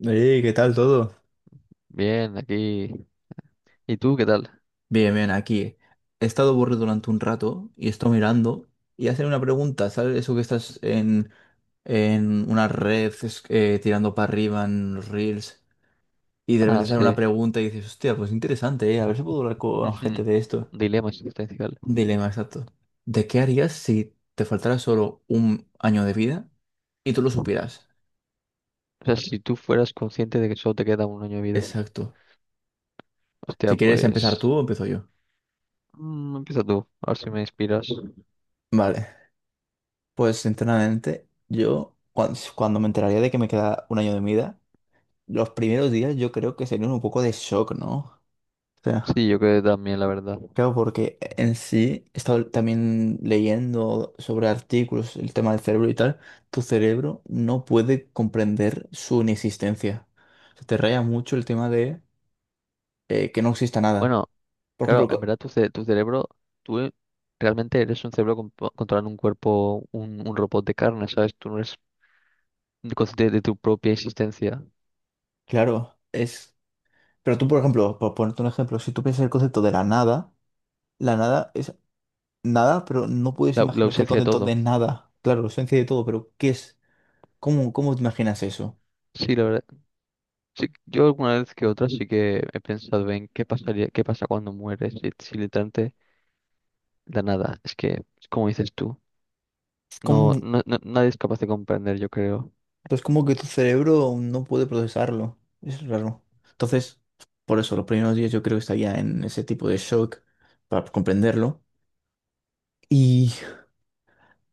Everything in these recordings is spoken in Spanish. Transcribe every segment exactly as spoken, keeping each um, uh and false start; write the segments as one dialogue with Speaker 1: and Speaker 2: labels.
Speaker 1: Ey, ¿qué tal todo?
Speaker 2: Bien, aquí. ¿Y tú qué tal?
Speaker 1: Bien, bien, aquí. He estado aburrido durante un rato y estoy mirando y hacen una pregunta, ¿sabes? Eso que estás en, en una red es- eh, tirando para arriba en los reels y de
Speaker 2: Ah,
Speaker 1: repente sale una
Speaker 2: sí.
Speaker 1: pregunta y dices, hostia, pues interesante, ¿eh? A ver si puedo hablar con
Speaker 2: Ujú.
Speaker 1: gente
Speaker 2: Un
Speaker 1: de esto.
Speaker 2: dilema existencial.
Speaker 1: Un dilema exacto. ¿De qué harías si te faltara solo un año de vida y tú lo supieras?
Speaker 2: O sea, si tú fueras consciente de que solo te queda un año de vida.
Speaker 1: Exacto.
Speaker 2: Hostia,
Speaker 1: Si quieres empezar
Speaker 2: pues.
Speaker 1: tú, empiezo yo.
Speaker 2: Mm, empieza tú, a ver si me inspiras.
Speaker 1: Vale. Pues sinceramente, yo cuan- cuando, me enteraría de que me queda un año de mi vida, los primeros días yo creo que serían un poco de shock, ¿no? O sea,
Speaker 2: Sí, yo creo que también, la verdad.
Speaker 1: claro, porque en sí he estado también leyendo sobre artículos, el tema del cerebro y tal, tu cerebro no puede comprender su inexistencia. Se te raya mucho el tema de eh, que no exista nada.
Speaker 2: Bueno,
Speaker 1: Por
Speaker 2: claro,
Speaker 1: ejemplo,
Speaker 2: en
Speaker 1: co-
Speaker 2: verdad tu, ce- tu cerebro, tú realmente eres un cerebro compo- controlando un cuerpo, un, un robot de carne, ¿sabes? Tú no eres consciente de tu propia existencia,
Speaker 1: claro, es. Pero tú, por ejemplo, por ponerte un ejemplo, si tú piensas el concepto de la nada, la nada es nada, pero no puedes
Speaker 2: la, la
Speaker 1: imaginarte el
Speaker 2: ausencia de
Speaker 1: concepto
Speaker 2: todo.
Speaker 1: de nada. Claro, esencia de todo, pero ¿qué es? ¿Cómo, cómo te imaginas eso?
Speaker 2: Sí, la verdad. Sí, yo alguna vez que otra sí que he pensado en qué pasaría, qué pasa cuando mueres si, si literalmente la nada. Es que, como dices tú, no,
Speaker 1: ¿Cómo,
Speaker 2: no, no- nadie es capaz de comprender, yo creo.
Speaker 1: pues como que tu cerebro no puede procesarlo. Es raro. Entonces, por eso, los primeros días yo creo que estaría en ese tipo de shock para comprenderlo. Y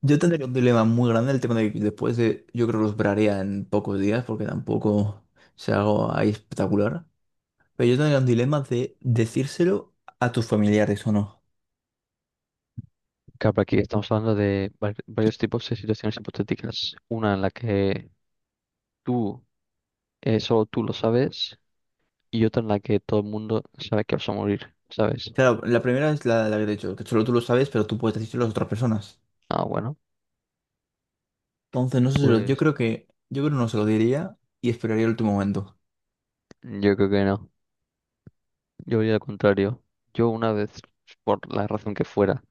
Speaker 1: yo tendría un dilema muy grande, el tema de que después de, yo creo que los braría en pocos días, porque tampoco se hago ahí espectacular. Pero yo tendría un dilema de decírselo a tus familiares o no.
Speaker 2: Claro, aquí estamos hablando de var- varios tipos de situaciones hipotéticas. Una en la que tú, eh, solo tú lo sabes, y otra en la que todo el mundo sabe que vas a morir, ¿sabes?
Speaker 1: Claro, la primera es la, la que te he dicho, que solo tú lo sabes, pero tú puedes decírselo a las otras personas.
Speaker 2: Ah, bueno,
Speaker 1: Entonces, no sé si lo, yo
Speaker 2: pues
Speaker 1: creo que, yo creo que no se lo diría y esperaría el último momento.
Speaker 2: yo creo que no. Yo diría al contrario. Yo una vez, por la razón que fuera,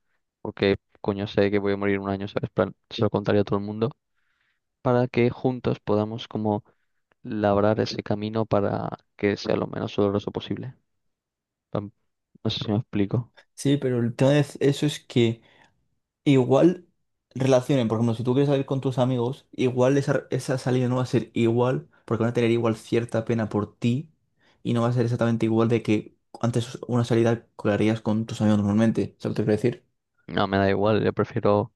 Speaker 2: porque coño sé que voy a morir un año, ¿sabes? Plan, se lo contaría a todo el mundo para que juntos podamos como labrar ese camino para que sea lo menos doloroso posible. Plan, no sé si me explico.
Speaker 1: Sí, pero el tema de eso es que igual relacionen, por ejemplo, si tú quieres salir con tus amigos, igual esa, esa salida no va a ser igual, porque van a tener igual cierta pena por ti y no va a ser exactamente igual de que antes una salida que harías con tus amigos normalmente, ¿sabes lo que te quiero decir?
Speaker 2: No, me da igual, yo prefiero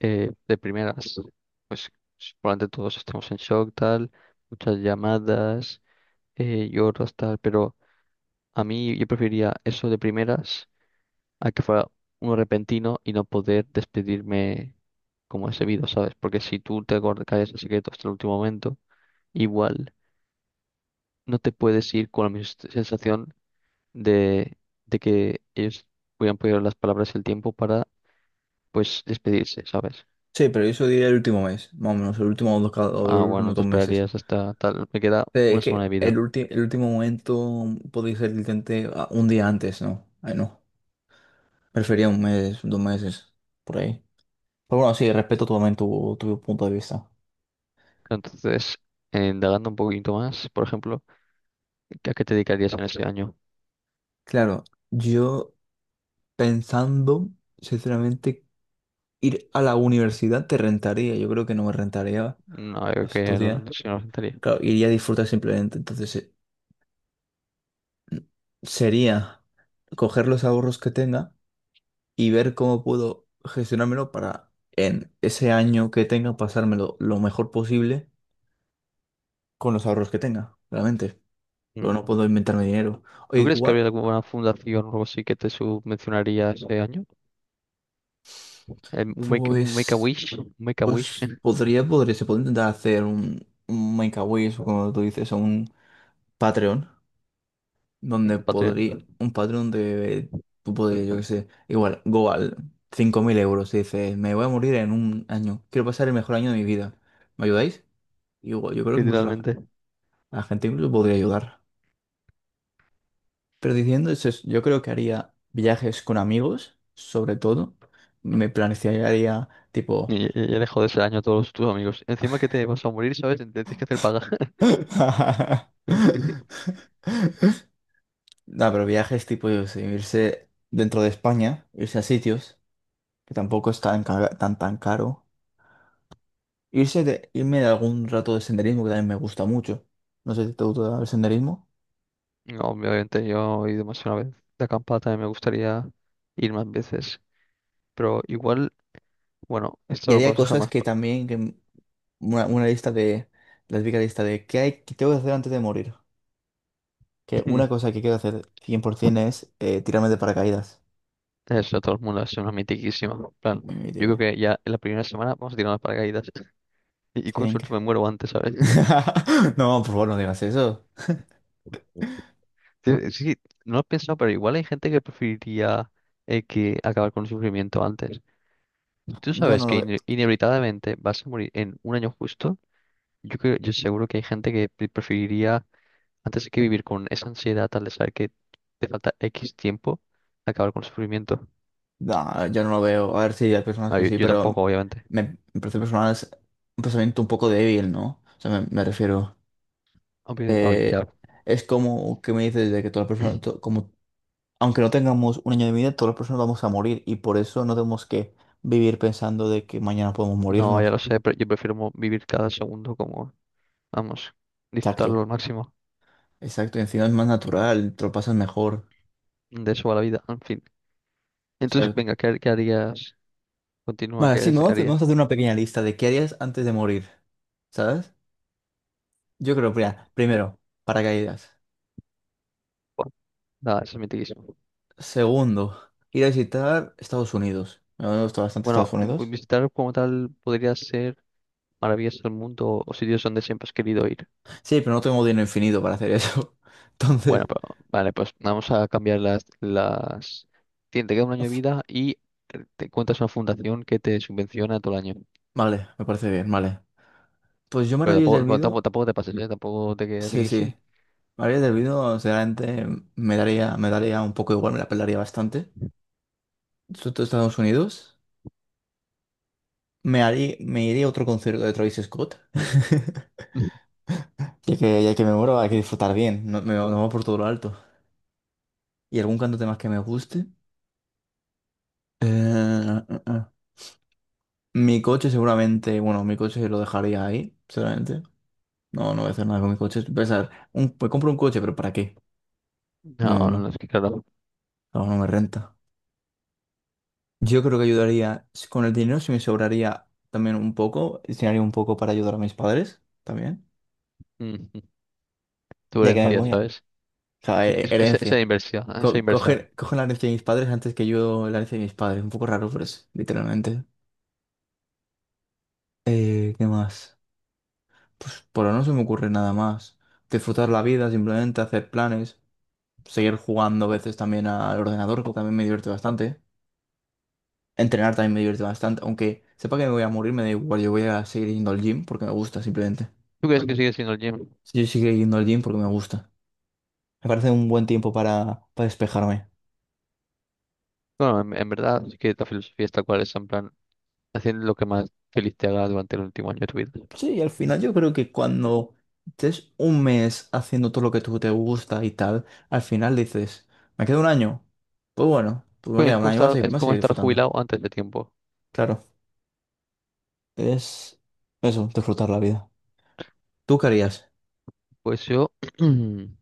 Speaker 2: eh, de primeras, pues probablemente todos estemos en shock, tal, muchas llamadas, eh, lloros, tal, pero a mí yo preferiría eso de primeras a que fuera un repentino y no poder despedirme como es debido, ¿sabes? Porque si tú te guardas- callas el secreto hasta el último momento, igual no te puedes ir con la misma sens- sensación de, de que ellos hubieran podido las palabras y el tiempo para, pues, despedirse, ¿sabes?
Speaker 1: Sí, pero eso diría el último mes, más o menos, el último dos, ca- o el
Speaker 2: Ah,
Speaker 1: último
Speaker 2: bueno, te
Speaker 1: dos meses.
Speaker 2: esperarías hasta tal, me queda
Speaker 1: Eh, Es
Speaker 2: una semana de
Speaker 1: que el,
Speaker 2: vida.
Speaker 1: ulti- el último momento podría ser literalmente ah, un día antes, ¿no? Ay, no. Prefería un mes, dos meses, por ahí. Pero bueno, sí, respeto totalmente tu, tu punto de vista.
Speaker 2: Entonces, eh, indagando un poquito más, por ejemplo, ¿a qué te dedicarías en ese año?
Speaker 1: Claro, yo pensando, sinceramente, ir a la universidad te rentaría. Yo creo que no me rentaría
Speaker 2: No, yo creo que no,
Speaker 1: estudiar.
Speaker 2: no sé, no lo sentaría.
Speaker 1: Claro, iría a disfrutar simplemente. Entonces, eh, sería coger los ahorros que tenga. Y ver cómo puedo gestionármelo para en ese año que tenga pasármelo lo mejor posible con los ahorros que tenga, realmente. Pero no puedo inventarme dinero. O
Speaker 2: ¿Tú crees que
Speaker 1: igual,
Speaker 2: habría alguna fundación o algo así que te subvencionaría ese año? Em, Un make, un make a
Speaker 1: pues,
Speaker 2: wish, un make a wish,
Speaker 1: pues podría, podría, se puede intentar hacer un, un Make-A-Wish, o como tú dices, o un Patreon, donde
Speaker 2: un
Speaker 1: podría,
Speaker 2: Patreon,
Speaker 1: un Patreon de, tú podrías, yo qué sé, igual, go al cinco mil euros y dices, me voy a morir en un año, quiero pasar el mejor año de mi vida. ¿Me ayudáis? Y Yo, yo creo que incluso la,
Speaker 2: literalmente.
Speaker 1: a gente incluso podría ayudar. Pero diciendo eso, es- yo creo que haría viajes con amigos, sobre todo. Me plantearía tipo.
Speaker 2: Y, y y dejo de ese año a todos tus amigos. Encima que te vas a morir, ¿sabes? Te Tienes que hacer paga.
Speaker 1: No, pero viajes tipo, yo qué sé, irse dentro de España, irse a sitios, que tampoco es tan, ca- tan, tan caro. Irse de, irme de algún rato de senderismo, que también me gusta mucho. No sé si te gusta el senderismo.
Speaker 2: No, obviamente yo he ido más de una vez de acampada, también me gustaría ir más veces. Pero igual, bueno, esto
Speaker 1: Y
Speaker 2: lo
Speaker 1: haría
Speaker 2: podemos dejar
Speaker 1: cosas
Speaker 2: más
Speaker 1: que
Speaker 2: para.
Speaker 1: también, que m- una, una lista de, la típica lista de qué hay, qué tengo que hacer antes de morir. Que una cosa que quiero hacer cien por ciento es eh, tirarme de paracaídas.
Speaker 2: Eso, todo el mundo es una mitiquísima. En plan,
Speaker 1: Muy mi
Speaker 2: yo creo
Speaker 1: vida.
Speaker 2: que ya en la primera semana vamos a tirar las paracaídas. Y, y con
Speaker 1: Sería
Speaker 2: suerte
Speaker 1: increíble.
Speaker 2: me muero antes, ¿sabes?
Speaker 1: No, por favor, no digas eso.
Speaker 2: Sí, sí, no lo he pensado, pero igual hay gente que preferiría eh, que acabar con el sufrimiento antes. Si tú
Speaker 1: Yo
Speaker 2: sabes
Speaker 1: no lo
Speaker 2: que
Speaker 1: veo.
Speaker 2: ine- inevitablemente vas a morir en un año justo, yo creo, yo seguro que hay gente que pre- preferiría, antes que vivir con esa ansiedad al de saber que te falta equis tiempo, acabar con el sufrimiento.
Speaker 1: No, yo no lo veo. A ver si hay personas
Speaker 2: Ah,
Speaker 1: que
Speaker 2: yo,
Speaker 1: sí,
Speaker 2: yo
Speaker 1: pero
Speaker 2: tampoco, obviamente.
Speaker 1: me, me parece personal es un pensamiento un poco débil, ¿no? O sea, me, me refiero.
Speaker 2: Obvio- oh,
Speaker 1: eh,
Speaker 2: ya.
Speaker 1: es como que me dices de que todas las personas, to- como, aunque no tengamos un año de vida, todas las personas vamos a morir y por eso no tenemos que vivir pensando de que mañana podemos
Speaker 2: No, ya
Speaker 1: morirnos.
Speaker 2: lo sé, pero yo prefiero mo- vivir cada segundo como, vamos, disfrutarlo
Speaker 1: Exacto.
Speaker 2: al máximo.
Speaker 1: Exacto, y encima es más natural, te lo pasas mejor,
Speaker 2: De eso va la vida, en fin. Entonces,
Speaker 1: ¿sabes?
Speaker 2: venga, ¿qué, qué harías? Continúa,
Speaker 1: Vale, sí,
Speaker 2: ¿qué
Speaker 1: vamos, vamos a
Speaker 2: harías?
Speaker 1: hacer una pequeña lista de qué harías antes de morir, ¿sabes? Yo creo, mira, primero, paracaídas.
Speaker 2: Buah, nada, eso es mitiquísimo.
Speaker 1: Segundo, ir a visitar Estados Unidos. Me gusta bastante Estados
Speaker 2: Bueno, pues
Speaker 1: Unidos.
Speaker 2: visitar como tal podría ser maravillas del mundo o sitios donde siempre has querido ir.
Speaker 1: Sí, pero no tengo dinero infinito para hacer eso.
Speaker 2: Bueno,
Speaker 1: Entonces,
Speaker 2: pero vale, pues vamos a cambiar las, las... Tiene, te queda un año de
Speaker 1: uf,
Speaker 2: vida y eh, te encuentras una fundación que te subvenciona todo el año.
Speaker 1: vale, me parece bien, vale. Pues yo
Speaker 2: Pero
Speaker 1: Maravillas del
Speaker 2: tampoco, bueno, tampoco,
Speaker 1: Olvido,
Speaker 2: tampoco te pases, ¿eh? Tampoco te quedes
Speaker 1: sí, sí.
Speaker 2: aquí.
Speaker 1: Maravillas del Olvido, sinceramente, me daría, me daría un poco igual, me la pelaría bastante. Sobre todo Estados Unidos. Me harí- me iré a otro concierto de Travis Scott. Ya que, ya que me muero, hay que disfrutar bien. No, me, no va por todo lo alto. ¿Y algún cantante más que me guste? Eh, eh, eh. Mi coche seguramente, bueno, mi coche lo dejaría ahí, seguramente. No, no voy a hacer nada con mi coche. Pensar, un, me compro un coche, pero ¿para qué?
Speaker 2: No,
Speaker 1: No, no,
Speaker 2: no, es que claro.
Speaker 1: no, no me renta. Yo creo que ayudaría, si- con el dinero si me sobraría también un poco, destinaría un poco para ayudar a mis padres también,
Speaker 2: mm, Tu
Speaker 1: ya que me
Speaker 2: herencia,
Speaker 1: voy a.
Speaker 2: ¿sabes?
Speaker 1: O sea, he-
Speaker 2: Es- es- Esa
Speaker 1: herencia.
Speaker 2: inversión, esa
Speaker 1: Co-
Speaker 2: inversa.
Speaker 1: cogen, cogen la herencia de mis padres antes que yo la herencia de mis padres. Un poco raro, pero es literalmente. Eh, ¿qué más? Pues por ahora no se me ocurre nada más. Disfrutar la vida, simplemente hacer planes. Seguir jugando a veces también al ordenador, que también me divierte bastante. Entrenar también me divierte bastante. Aunque sepa que me voy a morir, me da igual. Yo voy a seguir yendo al gym porque me gusta, simplemente.
Speaker 2: ¿Tú crees que sigue siendo el gym?
Speaker 1: Yo seguiré yendo al gym porque me gusta. Me parece un buen tiempo para, para despejarme.
Speaker 2: Bueno, en, en verdad, es que la filosofía es tal cual, es en plan. Haciendo lo que más feliz te haga durante el último año de tu vida.
Speaker 1: Sí, y al final yo creo que cuando estés un mes haciendo todo lo que tú te gusta y tal, al final dices, ¿me queda un año? Pues bueno, pues me
Speaker 2: Pues
Speaker 1: queda
Speaker 2: es
Speaker 1: un
Speaker 2: como
Speaker 1: año, voy a
Speaker 2: estar,
Speaker 1: seguir,
Speaker 2: es
Speaker 1: voy a
Speaker 2: como
Speaker 1: seguir
Speaker 2: estar
Speaker 1: disfrutando.
Speaker 2: jubilado antes de tiempo.
Speaker 1: Claro, es eso, disfrutar la vida. ¿Tú qué harías?
Speaker 2: Pues yo, bueno,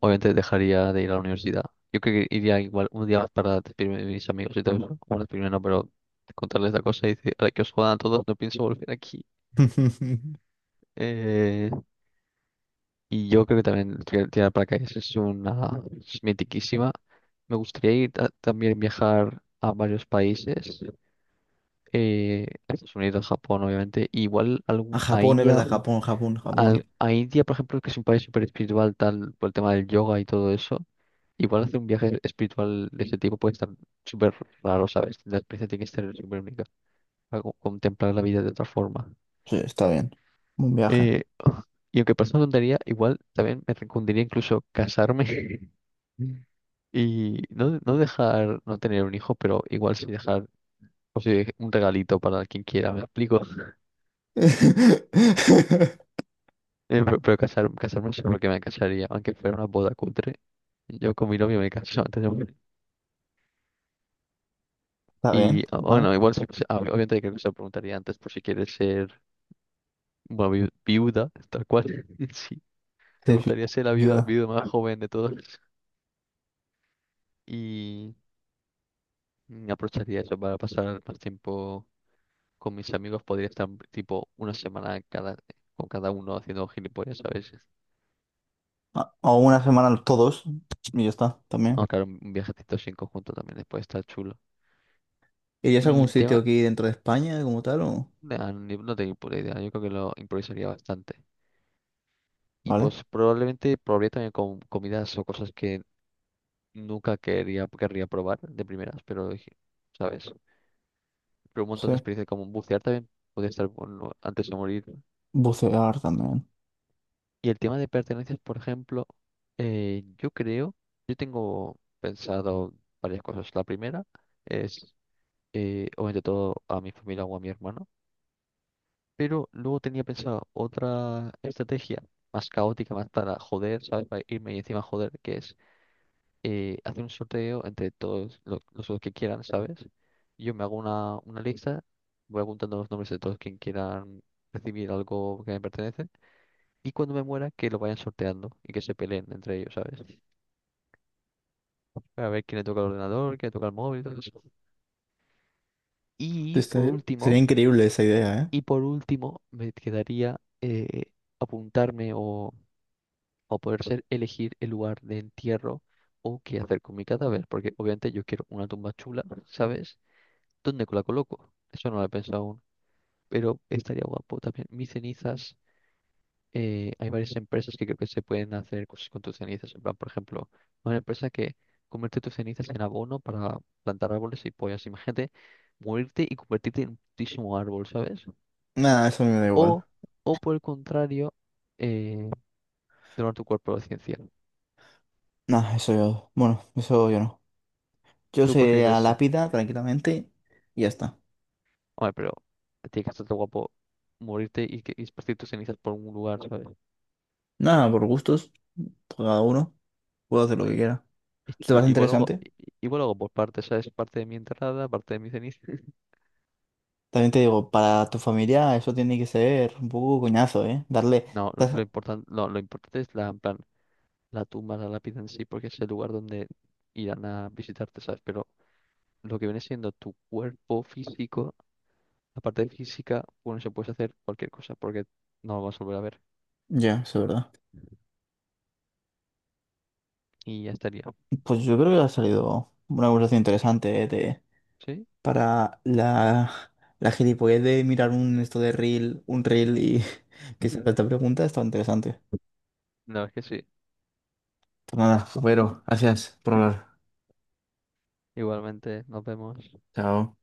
Speaker 2: obviamente dejaría de ir a la universidad. Yo creo que iría igual un día más para despedirme de mis amigos y todo eso. Bueno, despedirme no, pero contarles la cosa y decir, ahora que os jodan a todos, no pienso volver aquí. Eh, y yo creo que también tirar tirar paracaídas es una es mitiquísima. Me gustaría ir a- también viajar a varios países, eh, a Estados Unidos, Japón, obviamente, igual
Speaker 1: A
Speaker 2: algún, a
Speaker 1: Japón, es
Speaker 2: India
Speaker 1: verdad, Japón, Japón,
Speaker 2: al-
Speaker 1: Japón.
Speaker 2: a India, por ejemplo, que es un país súper espiritual, tal, por el tema del yoga y todo eso, igual hacer un viaje espiritual de ese tipo puede estar súper raro, ¿sabes? La experiencia tiene que ser súper única, para co- contemplar la vida de otra forma.
Speaker 1: Sí, está bien. Un viaje.
Speaker 2: Eh, y aunque parezca una tontería, igual también me recundiría incluso casarme y no, no dejar, no tener un hijo, pero igual sí dejar o sea, un regalito para quien quiera, ¿me explico?
Speaker 1: Está
Speaker 2: Eh, pero, pero casar, casarme solo que me casaría, aunque fuera una boda cutre. Yo con mi novio me caso antes de morir.
Speaker 1: bien,
Speaker 2: Y ah,
Speaker 1: ¿vale?
Speaker 2: bueno, igual se- se- ah, obviamente creo que se lo preguntaría antes por si quieres ser una viu- viuda, tal cual. Sí, te
Speaker 1: Sí, sí,
Speaker 2: gustaría ser la viuda,
Speaker 1: viuda.
Speaker 2: viuda más joven de todos. Y mm, aprovecharía eso para pasar más tiempo con mis amigos. Podría estar tipo una semana cada, con cada uno haciendo gilipollas, ¿sabes?
Speaker 1: A- O una semana los todos y ya está, también.
Speaker 2: Ah, claro, un viajecito así en conjunto también después está chulo.
Speaker 1: ¿Irías a
Speaker 2: Y
Speaker 1: algún
Speaker 2: el
Speaker 1: sitio
Speaker 2: tema,
Speaker 1: aquí dentro de España como tal o?
Speaker 2: ah, ni- no tengo ni puta idea. Yo creo que lo improvisaría bastante. Y
Speaker 1: ¿Vale?
Speaker 2: pues probablemente probaría también con comidas o cosas que nunca quería, querría probar de primeras, pero dije, ¿sabes? Pero un
Speaker 1: Sí.
Speaker 2: montón de experiencias como bucear también podría estar bueno antes de morir.
Speaker 1: Bucear también.
Speaker 2: Y el tema de pertenencias, por ejemplo, eh, yo creo, yo tengo pensado varias cosas. La primera es, eh, obviamente, todo a mi familia o a mi hermano, pero luego tenía pensado otra estrategia más caótica, más para joder, ¿sabes? Para irme y encima joder, que es y hacer un sorteo entre todos lo- los, los que quieran, ¿sabes? Yo me hago una, una lista, voy apuntando los nombres de todos quien quieran recibir algo que me pertenece y cuando me muera que lo vayan sorteando y que se peleen entre ellos, ¿sabes? Para ver quién le toca el ordenador, quién le toca el móvil, todo eso. Y por
Speaker 1: Este- sería
Speaker 2: último,
Speaker 1: increíble esa idea, ¿eh?
Speaker 2: y por último me quedaría eh, apuntarme o, o poder ser elegir el lugar de entierro o qué hacer con mi cadáver, porque obviamente yo quiero una tumba chula, ¿sabes? ¿Dónde la coloco? Eso no lo he pensado aún, pero estaría guapo también. Mis cenizas, eh, hay varias empresas que creo que se pueden hacer cosas con tus cenizas. En plan, por ejemplo, una empresa que convierte tus cenizas en abono para plantar árboles y pollas. Imagínate morirte y convertirte en un putísimo árbol, ¿sabes?
Speaker 1: Nada, eso a mí me da
Speaker 2: O,
Speaker 1: igual.
Speaker 2: o por el contrario, eh, donar tu cuerpo a la ciencia.
Speaker 1: Nada, eso yo. Bueno, eso yo no. Yo
Speaker 2: Tú
Speaker 1: sería
Speaker 2: prefieres,
Speaker 1: lápida tranquilamente y ya está.
Speaker 2: hombre, pero tiene que estar guapo morirte y, que, y esparcir tus cenizas por un lugar, ¿sabes?
Speaker 1: Nada, por gustos, por cada uno, puedo hacer lo que quiera. ¿Te
Speaker 2: I-
Speaker 1: parece
Speaker 2: Igual hago,
Speaker 1: interesante?
Speaker 2: i- igual hago por partes, ¿sabes? Parte de mi entrada, parte de mi ceniza.
Speaker 1: También te digo, para tu familia eso tiene que ser un poco coñazo, ¿eh? Darle...
Speaker 2: No, lo
Speaker 1: dar-
Speaker 2: importante, no, lo importante es la, en plan, la tumba, la lápida en sí, porque es el lugar donde irán a visitarte, ¿sabes? Pero lo que viene siendo tu cuerpo físico, la parte física, bueno, se puede hacer cualquier cosa, porque no lo vas a volver a ver.
Speaker 1: Ya, eso es verdad.
Speaker 2: Y ya estaría.
Speaker 1: Pues yo creo que ha salido una conversación interesante, ¿eh?
Speaker 2: ¿Sí?
Speaker 1: Para la, la gilipollez de mirar un esto de reel, un reel y que se haga esta pregunta, está interesante.
Speaker 2: La verdad es que sí.
Speaker 1: Pues nada, pero gracias por hablar.
Speaker 2: Igualmente, nos vemos.
Speaker 1: Chao.